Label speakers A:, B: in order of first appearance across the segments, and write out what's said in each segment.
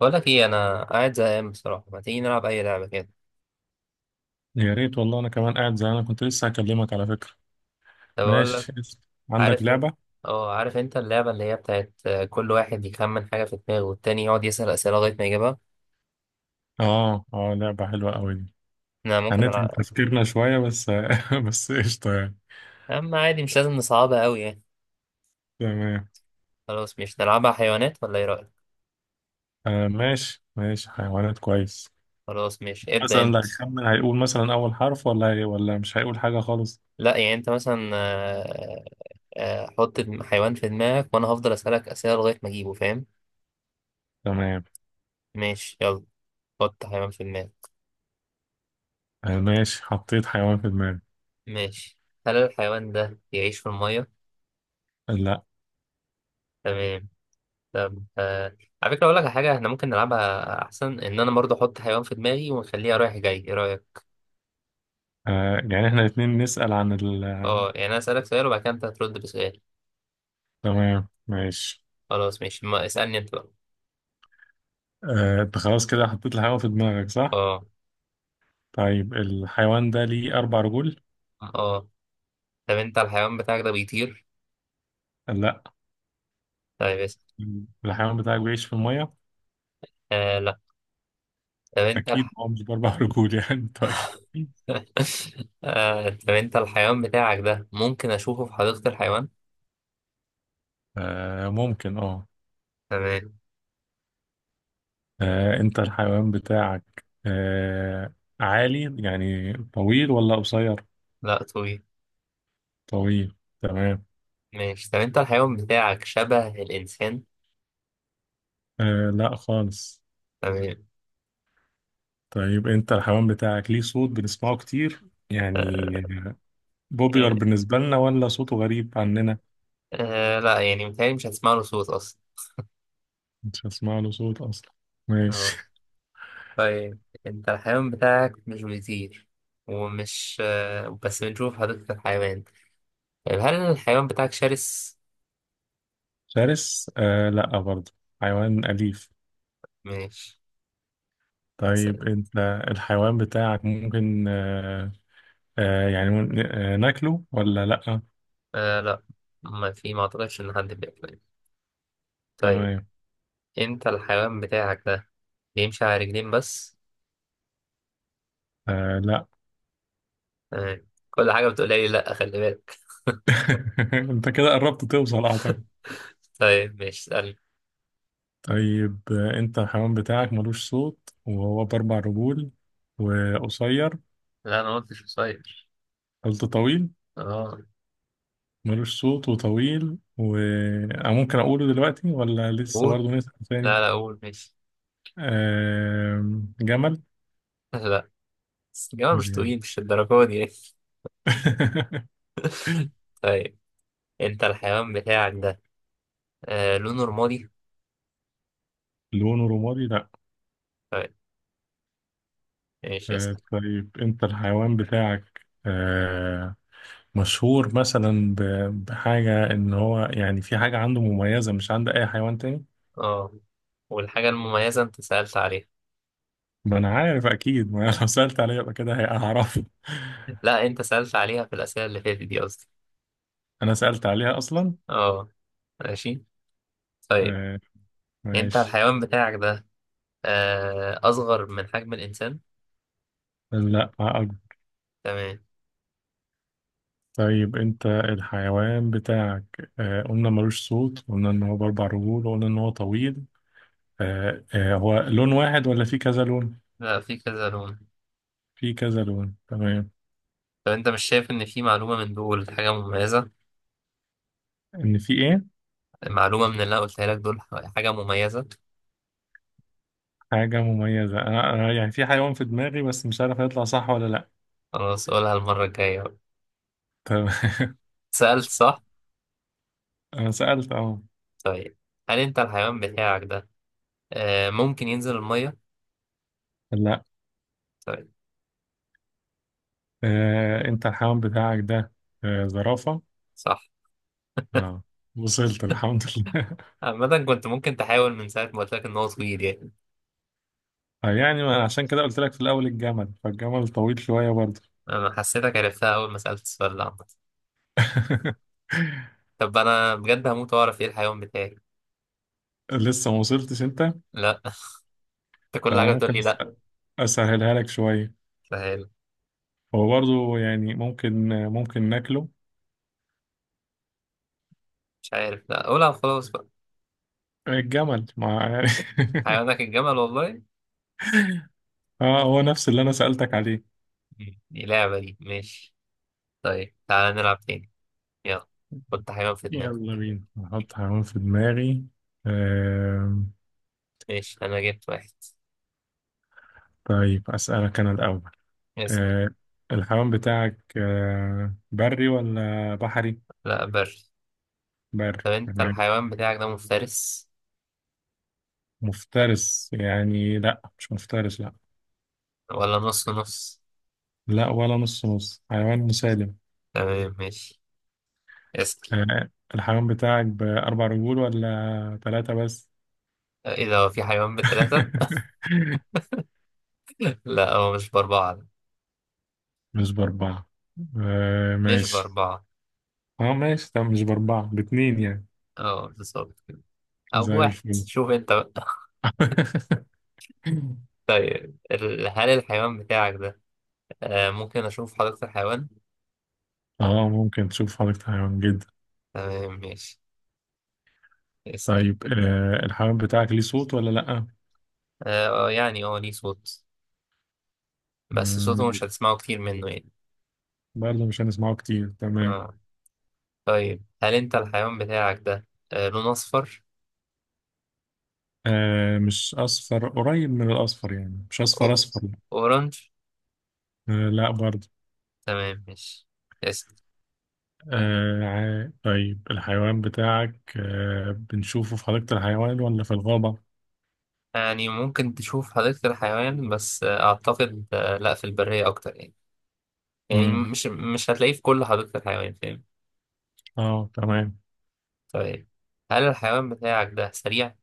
A: بقول لك ايه، انا قاعد زهقان بصراحه. ما تيجي نلعب اي لعبه كده؟
B: يا ريت والله. انا كمان قاعد، انا كنت لسه هكلمك على فكرة.
A: طب اقول لك.
B: ماشي قشطة. عندك
A: عارف إن-
B: لعبة؟
A: اه، عارف انت اللعبه اللي هي بتاعت، كل واحد يخمن حاجه في دماغه والتاني يقعد يسال اسئله لغايه ما يجيبها.
B: اه اه، لعبة حلوة قوي دي.
A: انا ممكن
B: هنتعب
A: العب.
B: تفكيرنا شوية، بس بس قشطة يعني.
A: اما عادي، مش لازم نصعبها قوي يعني.
B: تمام.
A: خلاص، مش نلعبها حيوانات ولا ايه رايك؟
B: آه ماشي ماشي، حيوانات كويس.
A: خلاص مش ابدا
B: مثلا اللي
A: انت.
B: هيخمن هيقول مثلا اول حرف، ولا هي، ولا مش هيقول حاجة خالص.
A: لا يعني انت مثلا، حط حيوان في دماغك وانا هفضل اسالك اسئله لغايه ما اجيبه، فاهم؟
B: تمام.
A: ماشي، يلا. حط حيوان في دماغك.
B: آه ماشي، حطيت حيوان في دماغي.
A: ماشي. هل الحيوان ده بيعيش في الميه؟
B: لا.
A: تمام. طب، على فكرة أقول لك على حاجة إحنا ممكن نلعبها أحسن، إن أنا برضه أحط حيوان في دماغي ونخليها رايح جاي، إيه رأيك؟
B: آه يعني احنا الاتنين نسأل عن ال آه،
A: أه، يعني أنا أسألك سؤال وبعد كده أنت هترد بسؤال.
B: تمام ماشي.
A: خلاص ماشي، ما اسألني أنت بقى.
B: آه انت خلاص كده حطيت الحيوان في دماغك، صح؟
A: أه.
B: طيب الحيوان ده ليه أربع رجول؟
A: أه. طب أنت الحيوان بتاعك ده بيطير؟
B: لا.
A: طيب اسأل.
B: الحيوان بتاعك بيعيش في المية؟
A: آه، لا. طب أنت
B: أكيد
A: الح...
B: هو مش بأربع رجول يعني طيب
A: طب أنت الحيوان بتاعك ده ممكن أشوفه في حديقة الحيوان؟
B: آه ممكن اه
A: تمام.
B: آه، أنت الحيوان بتاعك عالي يعني، طويل ولا قصير؟
A: لا، طويل.
B: طويل. تمام.
A: ماشي، طب أنت الحيوان بتاعك شبه الإنسان؟
B: آه لا خالص.
A: تمام.
B: طيب أنت الحيوان بتاعك ليه صوت بنسمعه كتير يعني،
A: آه.
B: بوبيلر
A: آه.
B: بالنسبة لنا ولا صوته غريب عننا؟
A: لا يعني متهيألي مش هتسمع له صوت أصلا.
B: مش هسمع له صوت أصلا.
A: آه.
B: ماشي.
A: طيب، انت الحيوان بتاعك مش بيطير، ومش بس بنشوف حديقة الحيوان. طيب هل الحيوان بتاعك شرس؟
B: شرس؟ آه لا برضه، حيوان أليف.
A: ماشي.
B: طيب
A: سلام.
B: انت الحيوان بتاعك ممكن ناكله ولا لأ؟
A: آه، لا. ما اعتقدش ان حد بياكل. طيب،
B: تمام.
A: انت الحيوان بتاعك ده بيمشي على رجلين بس.
B: آه لأ.
A: تمام، كل حاجة بتقولها لي لا، خلي بالك.
B: انت كده قربت توصل اعتقد.
A: طيب ماشي، اسألني.
B: طيب آه انت الحيوان بتاعك ملوش صوت وهو بأربع رجول وقصير.
A: لا انا ما قلتش قصير.
B: قلت طويل.
A: اه.
B: ملوش صوت وطويل أنا ممكن أقوله دلوقتي ولا لسه
A: قول.
B: برضه نسأل
A: لا،
B: تاني؟
A: لا، قول ماشي.
B: آه جمل.
A: لا، بس الجماعة
B: مش
A: مش
B: جمل
A: طويل، مش الدرجة دي. طيب، انت الحيوان بتاعك ده لونه رمادي؟
B: لونه رمادي لأ.
A: طيب. ماشي اسأل.
B: طيب انت الحيوان بتاعك مشهور مثلا بحاجة، ان هو يعني في حاجة عنده مميزة مش عند اي حيوان تاني.
A: اه، والحاجة المميزة انت سألت عليها.
B: ما انا عارف اكيد، ما أنا لو سألت عليها يبقى كده هعرفه
A: لا، انت سألت عليها في الأسئلة اللي فاتت دي، قصدي.
B: انا سألت عليها اصلا.
A: اه. ماشي. طيب.
B: آه،
A: انت
B: ماشي.
A: الحيوان بتاعك ده أصغر من حجم الإنسان؟
B: لا أكبر.
A: تمام.
B: طيب انت الحيوان بتاعك قلنا ملوش صوت، قلنا ان هو باربع رجول، وقلنا ان هو طويل. هو لون واحد ولا في كذا لون؟
A: لا، في كذا لون.
B: في كذا لون. تمام.
A: طب انت مش شايف ان في معلومة من دول حاجة مميزة؟
B: ان في ايه؟
A: معلومة من اللي انا قلتها لك دول، حاجة مميزة.
B: حاجة مميزة؟ أنا يعني في حيوان في دماغي، بس مش عارف هيطلع صح ولا لأ.
A: خلاص قولها المرة الجاية بقى.
B: طب
A: سألت صح.
B: أنا سألت أهو.
A: طيب هل انت الحيوان بتاعك ده ممكن ينزل المية؟
B: لأ.
A: طيب.
B: آه، أنت الحيوان بتاعك ده آه، زرافة.
A: صح.
B: أه. وصلت الحمد لله
A: عامة كنت ممكن تحاول من ساعة ما قلت لك إن هو صغير يعني.
B: آه، يعني ما عشان كده قلت لك في الأول الجمل، فالجمل طويل شوية برضه.
A: أنا حسيتك عرفتها أول ما سألت السؤال ده، عامة. طب أنا بجد هموت وأعرف إيه الحيوان بتاعي.
B: لسه ما وصلتش أنت.
A: لا. أنت
B: طب
A: كل
B: أنا
A: حاجة بتقول
B: ممكن
A: لي لا.
B: أسهلها لك شوية.
A: سهل.
B: هو برضه يعني ممكن ناكله.
A: مش عارف، لا قولها خلاص بقى.
B: الجمل مع
A: حيوانك الجمل والله.
B: اه هو نفس اللي أنا سألتك عليه.
A: مم. دي لعبة دي، ماشي. طيب تعالى نلعب تاني. يلا. حط حيوان في
B: يلا
A: دماغك.
B: بينا، هحط حيوان في دماغي. آم،.
A: ماشي، أنا جبت واحد.
B: طيب أسألك أنا الأول.
A: اسأل.
B: آم، الحيوان بتاعك آم، بري ولا بحري؟
A: لا، بري.
B: بري
A: طب أنت
B: تمام.
A: الحيوان بتاعك ده مفترس؟
B: مفترس يعني؟ لأ مش مفترس لأ.
A: ولا نص نص؟
B: لأ ولا نص نص، حيوان مسالم.
A: تمام ماشي، اسأل.
B: آم، الحيوان بتاعك بأربع رجول ولا ثلاثة بس؟
A: إيه ده، هو في حيوان بتلاتة؟ لا، هو مش بأربعة.
B: مش بأربعة. آم،
A: مش
B: ماشي.
A: بأربعة.
B: اه ماشي. طب مش بأربعة، باتنين يعني.
A: اه، بالظبط كده. أو
B: زي
A: بواحد،
B: الفل
A: شوف أنت بقى. طيب، هل الحيوان بتاعك ده ممكن أشوف حديقة الحيوان؟
B: اه ممكن تشوف حضرتك حيوان جدا.
A: تمام ماشي، اسأل.
B: طيب آه الحيوان بتاعك ليه صوت ولا لأ؟
A: يعني ليه صوت، بس
B: مم،.
A: صوته مش هتسمعه كتير منه يعني.
B: برضه مش هنسمعه كتير، تمام.
A: اه. طيب هل أنت الحيوان بتاعك ده لون أصفر؟
B: آه مش أصفر، قريب من الأصفر يعني، مش أصفر
A: أو-
B: أصفر.
A: أورنج؟
B: آه لأ برضه.
A: تمام ماشي، اسأل.
B: طيب الحيوان بتاعك آه بنشوفه في حديقة الحيوان ولا في الغابة؟
A: يعني ممكن تشوف حديقة الحيوان، بس أعتقد لأ، في البرية أكتر يعني. يعني
B: مم.
A: مش هتلاقيه في كل حديقة الحيوان، فاهم.
B: اه تمام.
A: طيب هل الحيوان بتاعك ده سريع؟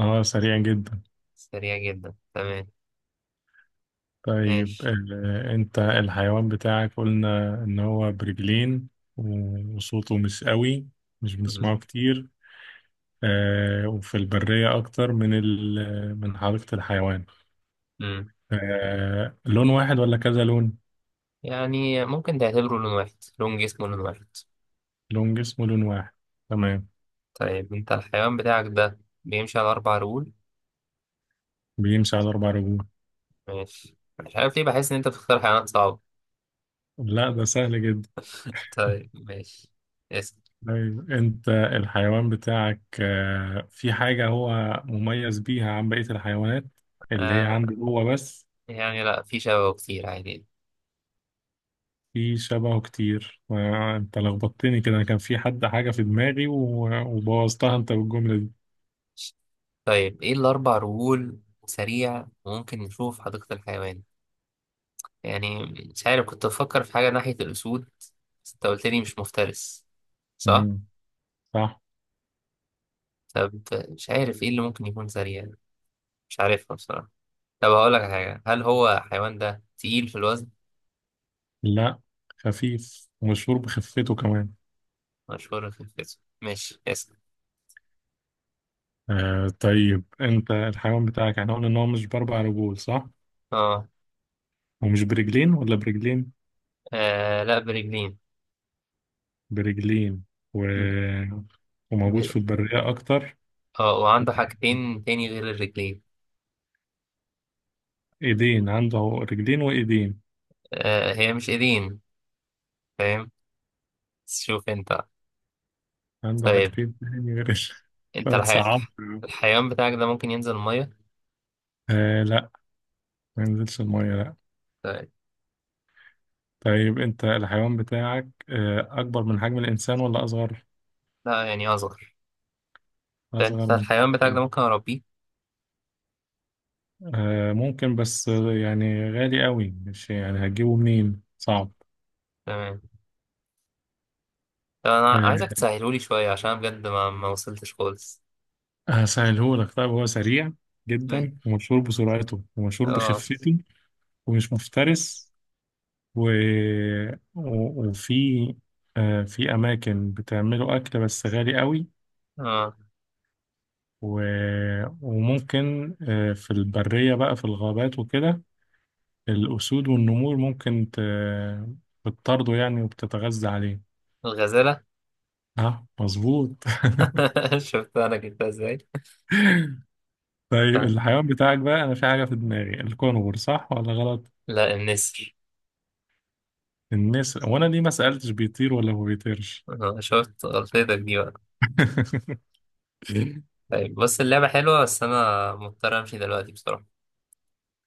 B: اه سريع جدا.
A: سريع جدا، تمام.
B: طيب
A: ماشي.
B: آه انت الحيوان بتاعك قلنا ان هو برجلين وصوته مش قوي، مش
A: مم.
B: بنسمعه كتير. آه، وفي البرية أكتر من من حديقة الحيوان.
A: مم.
B: آه، لون واحد ولا كذا لون؟
A: يعني ممكن تعتبره لون واحد، لون جسمه لون واحد.
B: لون جسمه لون واحد. تمام.
A: طيب انت الحيوان بتاعك ده بيمشي على أربع رجول.
B: بيمشي على أربع رجول.
A: ماشي، مش عارف ليه بحس إن أنت بتختار حيوانات صعبة.
B: لا ده سهل جدا.
A: طيب ماشي، اسم.
B: طيب أنت الحيوان بتاعك آه، في حاجة هو مميز بيها عن بقية الحيوانات، اللي هي
A: آه
B: عنده هو بس.
A: يعني لأ، في شبه كتير عادي.
B: في شبهه كتير. آه، أنت لخبطتني كده، أنا كان في حاجة في دماغي وبوظتها أنت بالجملة دي.
A: طيب، إيه الأربع رجول، سريع، ممكن نشوفه في حديقة الحيوان. يعني مش عارف، كنت بفكر في حاجة ناحية الأسود بس أنت قلت لي مش مفترس، صح؟
B: مم، صح.
A: طب مش عارف ايه اللي ممكن يكون سريع. مش عارفها بصراحة. طب هقول لك على حاجة، هل هو الحيوان ده تقيل في الوزن؟
B: لا خفيف ومشهور بخفته كمان.
A: مشهور في الجسم، ماشي اسأل.
B: آه طيب انت الحيوان بتاعك احنا قلنا ان هو مش باربع رجول، صح.
A: اه.
B: ومش برجلين ولا برجلين؟
A: آه، لا، برجلين.
B: برجلين. و... وموجود
A: ب...
B: في البرية اكتر.
A: اه، وعنده حاجتين تاني غير الرجلين.
B: ايدين عنده، رجلين وايدين.
A: هي مش ايدين، فاهم، بس شوف انت.
B: عنده
A: طيب
B: حاجتين تاني غير
A: انت
B: لو تصعب.
A: الحيوان بتاعك ده ممكن ينزل المية؟
B: آه لا، ما ينزلش المية لا.
A: طيب.
B: طيب انت الحيوان بتاعك آه اكبر من حجم الانسان ولا اصغر؟
A: لا يعني، اصغر. ده انت
B: اصغر من حجم
A: الحيوان بتاعك ده
B: الإنسان.
A: ممكن اربيه.
B: آه ممكن، بس آه، يعني غالي قوي، مش يعني هتجيبه منين، صعب.
A: تمام. طب انا
B: آه
A: عايزك تسهلولي شوية، عشان أنا بجد ما وصلتش خالص.
B: هسهلهولك. طيب هو سريع
A: م-
B: جدا ومشهور بسرعته ومشهور
A: اه.
B: بخفته. ومش مفترس. و... و... وفي آه في أماكن بتعمله أكل بس غالي قوي.
A: اه.
B: و... وممكن آه في البرية بقى، في الغابات وكده، الأسود والنمور ممكن ت... بتطارده يعني وبتتغذى عليه.
A: الغزالة.
B: ها مظبوط.
A: شفت انا جبتها ازاي.
B: طيب
A: ف-
B: الحيوان بتاعك بقى، انا في حاجه في دماغي، الكونغر صح ولا غلط؟
A: لا، النسر.
B: النسر. وانا ليه ما سالتش بيطير ولا ما بيطيرش؟
A: شفت غلطتك دي بقى. طيب بص، اللعبة حلوة بس انا مضطر امشي دلوقتي بصراحة.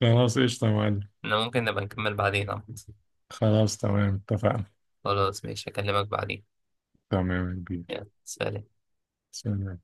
B: خلاص قشطه يا معلم.
A: انا ممكن نبقى نكمل بعدين، عمد.
B: خلاص تمام اتفقنا.
A: خلاص ماشي، اكلمك بعدين.
B: تمام يا كبير.
A: يلا، سلام.
B: سلام.